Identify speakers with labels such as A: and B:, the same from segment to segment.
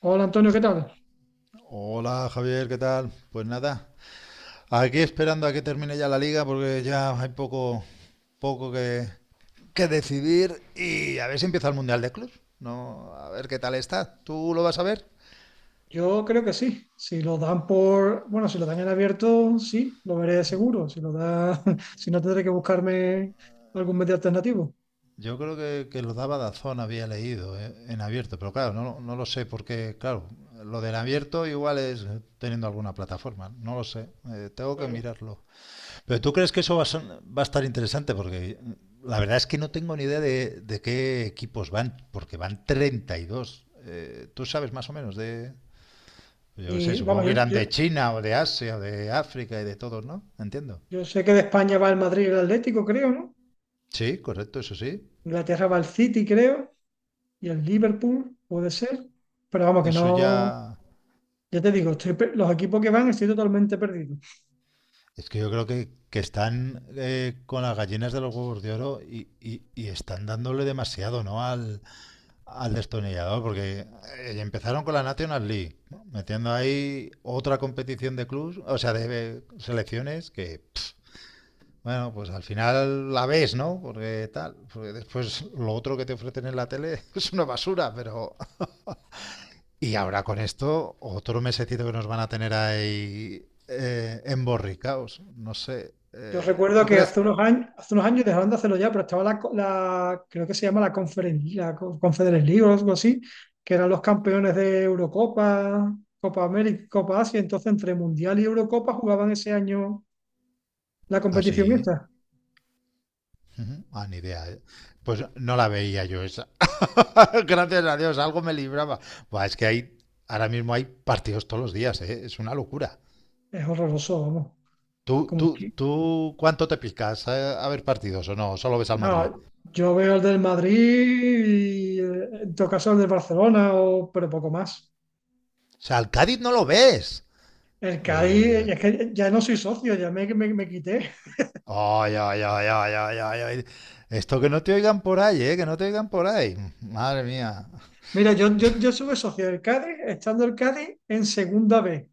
A: Hola Antonio, ¿qué tal?
B: Hola Javier, ¿qué tal? Pues nada, aquí esperando a que termine ya la liga porque ya hay poco que decidir y a ver si empieza el Mundial de Clubs. No, a ver qué tal está. ¿Tú lo vas a ver?
A: Yo creo que sí. Si lo dan por, bueno, si lo dan en abierto, sí, lo veré seguro. Si lo da, si no tendré que buscarme algún medio alternativo.
B: Yo creo que lo daba Dazón, había leído en abierto, pero claro, no lo sé porque, claro, lo del abierto igual es teniendo alguna plataforma, no lo sé, tengo que
A: Claro.
B: mirarlo. Pero tú crees que eso va a, va a estar interesante porque la verdad es que no tengo ni idea de qué equipos van, porque van 32. ¿Tú sabes más o menos de...? Yo qué sé,
A: Y vamos,
B: supongo que irán de China o de Asia o de África y de todos, ¿no? Entiendo.
A: yo sé que de España va el Madrid y el Atlético, creo, ¿no?
B: Sí, correcto, eso sí.
A: Inglaterra va el City, creo, y el Liverpool, puede ser. Pero vamos, que
B: Eso
A: no,
B: ya...
A: ya te digo, los equipos que van estoy totalmente perdido.
B: Es que yo creo que están con las gallinas de los huevos de oro y están dándole demasiado, ¿no? Al destornillador, porque empezaron con la National League, ¿no? Metiendo ahí otra competición de clubs, o sea, selecciones que, pff, bueno, pues al final la ves, ¿no? Porque tal, porque después lo otro que te ofrecen en la tele es una basura, pero... y ahora con esto, otro mesecito que nos van a tener ahí emborricaos, no sé.
A: Yo recuerdo
B: ¿Tú
A: que
B: crees?
A: hace unos años dejaron de hacerlo ya, pero estaba creo que se llama la Conferencia, Conference League o algo así, que eran los campeones de Eurocopa, Copa América, Copa Asia, entonces entre Mundial y Eurocopa jugaban ese año la competición
B: Así,
A: esta.
B: Uh -huh. Ah, ni idea. Pues no la veía yo esa. Gracias a Dios, algo me libraba. Buah, ahora mismo hay partidos todos los días, ¿eh? Es una locura.
A: Es horroroso, vamos.
B: ¿Tú,
A: Como
B: tú,
A: que,
B: tú cuánto te picas a ver partidos o no? ¿Solo ves al Madrid?
A: no, yo veo el del Madrid y en todo caso el del Barcelona, o, pero poco más.
B: O sea, al Cádiz no lo ves.
A: El
B: Uy,
A: Cádiz,
B: uy, uy.
A: es que ya no soy socio, ya me quité.
B: Ay, ay, ay, ay, ay, ay, ay. Esto que no te oigan por ahí, ¿eh? Que no te oigan por ahí. Madre mía.
A: Mira, yo estuve socio del Cádiz, estando el Cádiz en segunda B,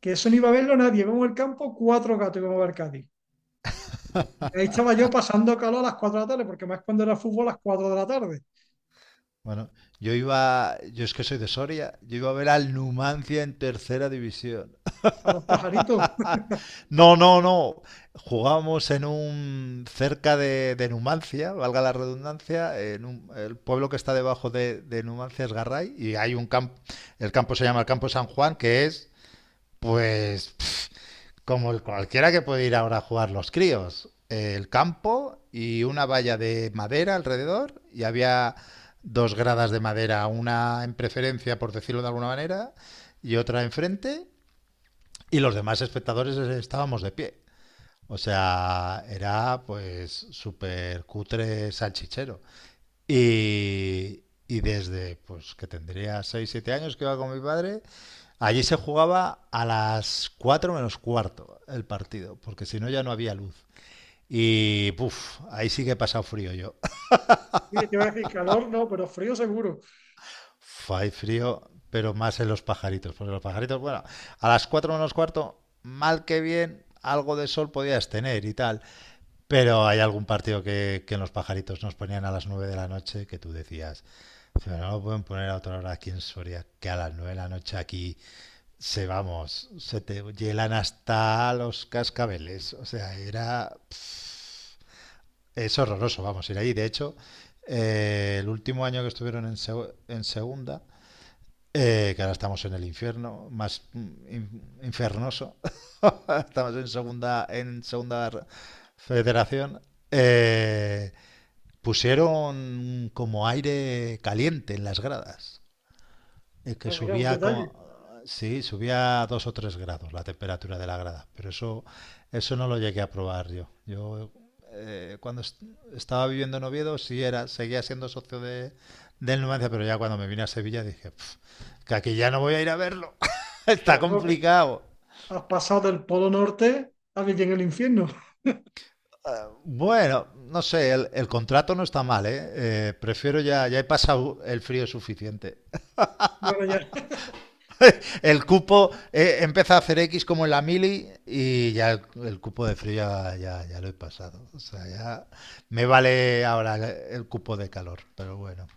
A: que eso no iba a verlo nadie. Vamos al campo, cuatro gatos íbamos a ver Cádiz. Y ahí estaba yo pasando calor a las 4 de la tarde, porque más cuando era fútbol a las 4 de la tarde,
B: Bueno, yo es que soy de Soria, yo iba a ver al Numancia en tercera división.
A: a los pajaritos.
B: No, no, no. Jugábamos en un cerca de Numancia, valga la redundancia, en el pueblo que está debajo de Numancia es Garray, y hay un campo, el campo se llama el Campo San Juan, que es pues como el cualquiera que puede ir ahora a jugar los críos, el campo y una valla de madera alrededor, y había dos gradas de madera, una en preferencia, por decirlo de alguna manera, y otra enfrente, y los demás espectadores estábamos de pie. O sea, era pues súper cutre salchichero. Y, y desde pues que tendría 6 7 años que iba con mi padre, allí se jugaba a las 4 menos cuarto el partido, porque si no ya no había luz. Y puf, ahí sí que he pasado frío yo.
A: Y te iba a decir calor, no, pero frío seguro.
B: Uf, hay frío, pero más en los pajaritos, porque los pajaritos, bueno, a las 4 menos cuarto, mal que bien, algo de sol podías tener y tal. Pero hay algún partido que en los pajaritos nos ponían a las 9 de la noche, que tú decías, pero no lo pueden poner a otra hora aquí en Soria, que a las 9 de la noche aquí se vamos, se te hielan hasta los cascabeles. O sea, era. Es horroroso, vamos, ir ahí. De hecho, el último año que estuvieron en, seg en segunda, que ahora estamos en el infierno, más in infernoso, estamos en segunda federación. Eh, Pusieron como aire caliente en las gradas, que
A: Pero mira, un
B: subía
A: detalle.
B: como... Sí, subía a dos o tres grados la temperatura de la grada, pero eso no lo llegué a probar yo. Yo cuando estaba viviendo en Oviedo sí era, seguía siendo socio del Numancia, pero ya cuando me vine a Sevilla dije, "Pf, que aquí ya no voy a ir a verlo. Está
A: Pero luego que
B: complicado."
A: has pasado del Polo Norte a vivir en el infierno.
B: Eh, Bueno, no sé, el contrato no está mal, ¿eh? Prefiero ya, ya he pasado el frío suficiente.
A: Bueno, ya.
B: El cupo empieza a hacer X como en la mili, y ya el cupo de frío ya lo he pasado. O sea, ya me vale ahora el cupo de calor, pero bueno.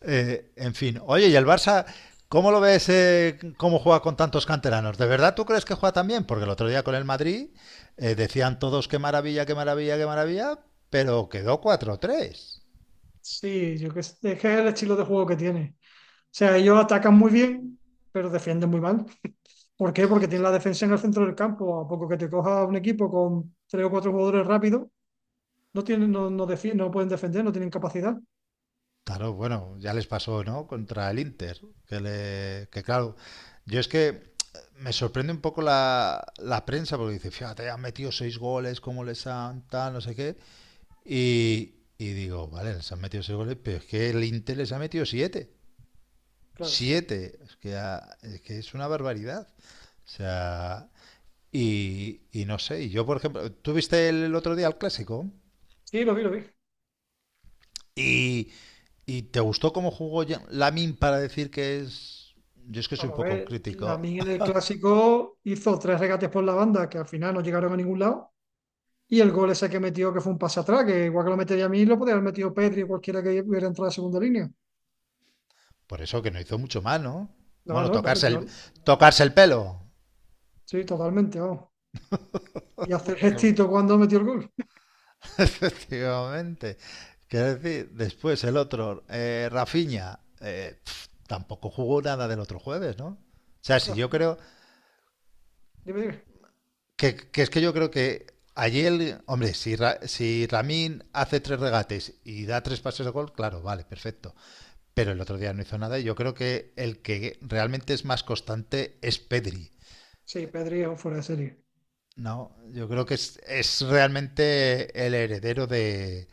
B: En fin, oye, ¿y el Barça cómo lo ves, cómo juega con tantos canteranos? ¿De verdad tú crees que juega tan bien? Porque el otro día con el Madrid decían todos qué maravilla, qué maravilla, qué maravilla, pero quedó cuatro tres.
A: Sí, yo que sé, es que es el estilo de juego que tiene. O sea, ellos atacan muy bien, pero defienden muy mal. ¿Por qué? Porque tiene la defensa en el centro del campo. A poco que te coja un equipo con tres o cuatro jugadores rápidos, no tienen, no pueden defender, no tienen capacidad.
B: Claro, bueno, ya les pasó, ¿no? Contra el Inter, que claro, yo es que me sorprende un poco la prensa porque dice, fíjate, han metido seis goles, cómo les han tal, no sé qué, y digo, vale, les han metido seis goles, pero es que el Inter les ha metido siete,
A: Claro.
B: siete, es que, ah, es que es una barbaridad, o sea, y no sé, y yo por ejemplo, ¿tú viste el otro día el clásico?
A: Sí, lo vi, lo vi.
B: Y, ¿y te gustó cómo jugó Lamin para decir que es...? Yo es que soy un
A: Vamos a
B: poco
A: ver,
B: crítico.
A: Lamine en el clásico hizo tres regates por la banda que al final no llegaron a ningún lado. Y el gol ese que metió, que fue un pase atrás, que igual que lo metería a mí, lo podía haber metido Pedri o cualquiera que hubiera entrado a segunda línea.
B: Por eso que no hizo mucho mal, ¿no?
A: No,
B: Bueno,
A: no, vamos, yo.
B: tocarse el pelo.
A: Sí, totalmente, vamos. Y hacer gestito cuando metió el gol.
B: Efectivamente. Quiero decir, después el otro, Rafinha, pf, tampoco jugó nada del otro jueves, ¿no? O sea, si
A: Rafa,
B: yo creo
A: dime, dime.
B: que yo creo que allí el, hombre, si, si Ramín hace tres regates y da tres pases de gol, claro, vale, perfecto. Pero el otro día no hizo nada, y yo creo que el que realmente es más constante es Pedri.
A: Sí, Pedri es un fuera de serie.
B: No, yo creo que es realmente el heredero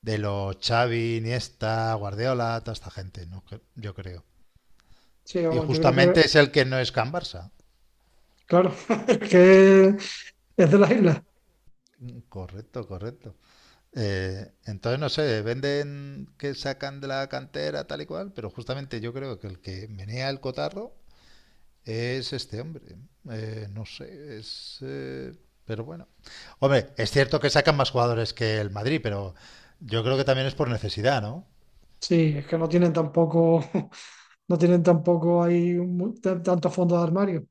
B: de los Xavi, Iniesta, Guardiola, toda esta gente, ¿no? Yo creo.
A: Sí,
B: Y
A: vamos, yo creo
B: justamente
A: que.
B: es el que no es Can Barça.
A: Claro, es que es de las islas.
B: Correcto, correcto. Entonces, no sé, venden que sacan de la cantera tal y cual, pero justamente yo creo que el que menea el cotarro es este hombre. No sé, es... pero bueno. Hombre, es cierto que sacan más jugadores que el Madrid, pero yo creo que también es por necesidad, ¿no?
A: Sí, es que no tienen tampoco, no tienen tampoco ahí tanto fondo de armario.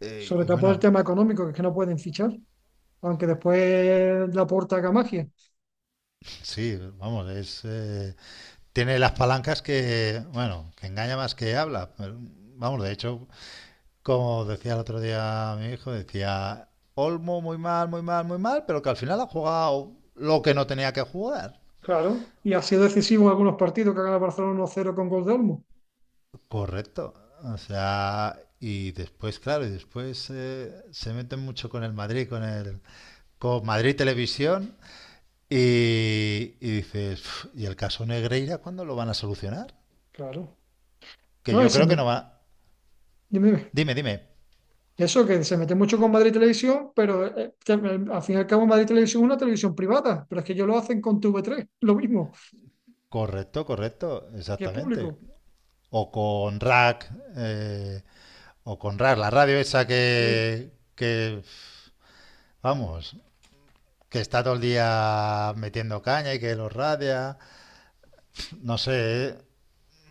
A: Sobre
B: Y
A: todo por el
B: bueno,
A: tema económico, que es que no pueden fichar, aunque después la porta haga magia.
B: sí, vamos, es... tiene las palancas que, bueno, que engaña más que habla. Vamos, de hecho, como decía el otro día mi hijo, decía... Olmo muy mal, muy mal, muy mal, pero que al final ha jugado lo que no tenía que jugar.
A: Claro, y ha sido decisivo en algunos partidos que ha ganado Barcelona 1-0 con gol de Olmo.
B: Correcto. O sea, y después, claro, y después se meten mucho con el Madrid, con el con Madrid Televisión, y dices, "Uf, ¿y el caso Negreira cuándo lo van a solucionar?"
A: Claro.
B: Que
A: No, y
B: yo creo que no va.
A: dime, dime.
B: Dime, dime.
A: Eso que se mete mucho con Madrid Televisión, pero que, al fin y al cabo Madrid Televisión es una televisión privada, pero es que ellos lo hacen con TV3, lo mismo,
B: Correcto, correcto,
A: que es
B: exactamente.
A: público.
B: O con Rack, eh, o con Rack, la radio esa
A: Sí.
B: vamos, que está todo el día metiendo caña y que los radia. No sé, eh.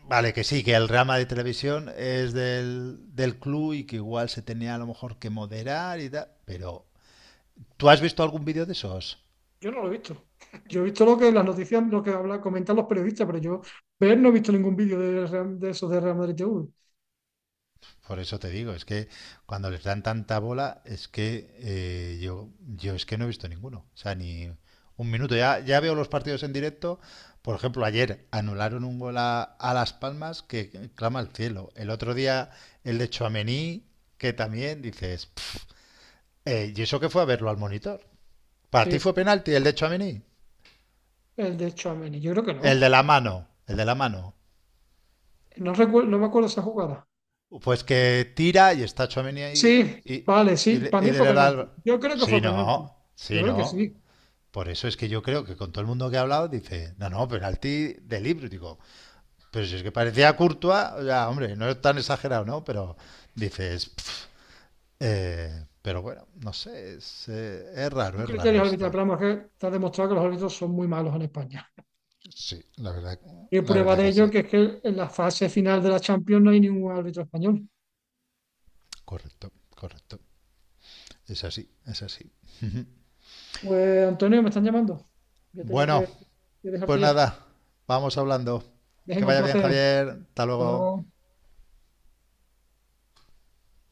B: Vale, que sí, que el rama de televisión es del club, y que igual se tenía a lo mejor que moderar y tal. Pero, ¿tú has visto algún vídeo de esos?
A: Yo no lo he visto. Yo he visto lo que las noticias, lo que habla, comentan los periodistas, pero yo ver no he visto ningún vídeo de, de eso de Real Madrid TV.
B: Por eso te digo, es que cuando les dan tanta bola, es que yo es que no he visto ninguno. O sea, ni un minuto. Ya, ya veo los partidos en directo. Por ejemplo, ayer anularon un gol a Las Palmas que clama al cielo. El otro día el de Tchouaméni, que también dices, "Pff, ¿y eso que fue a verlo al monitor?" ¿Para
A: Sí,
B: ti fue
A: sí,
B: penalti el de Tchouaméni?
A: el de Tchouaméni. Yo creo que
B: El de
A: no.
B: la mano, el de la mano.
A: No recuerdo, no me acuerdo esa jugada.
B: Pues que tira y está Chomini ahí
A: Sí,
B: y, y,
A: vale,
B: y
A: sí.
B: le-
A: Para
B: y
A: mí fue
B: de la...
A: penalti. Yo creo que
B: Sí,
A: fue penalti.
B: no,
A: Yo
B: sí,
A: creo que
B: no.
A: sí.
B: Por eso es que yo creo que con todo el mundo que ha hablado dice, no, no, penalti de libro. Digo, pero si es que parecía Courtois, o sea, hombre, no es tan exagerado, ¿no? Pero dices, "Pf". Pero bueno, no sé,
A: Son
B: es raro
A: criterios arbitrales,
B: esto.
A: pero vamos, es que está demostrado que los árbitros son muy malos en España.
B: Sí,
A: Y
B: la
A: prueba
B: verdad
A: de
B: que
A: ello
B: sí.
A: que es que en la fase final de la Champions no hay ningún árbitro español.
B: Correcto, correcto. Es así, es así.
A: Pues Antonio, me están llamando. Yo tenía
B: Bueno,
A: que,
B: pues
A: dejarte ya.
B: nada, vamos hablando. Que
A: Dejen un
B: vaya bien,
A: placer.
B: Javier. Hasta
A: Hasta
B: luego.
A: luego.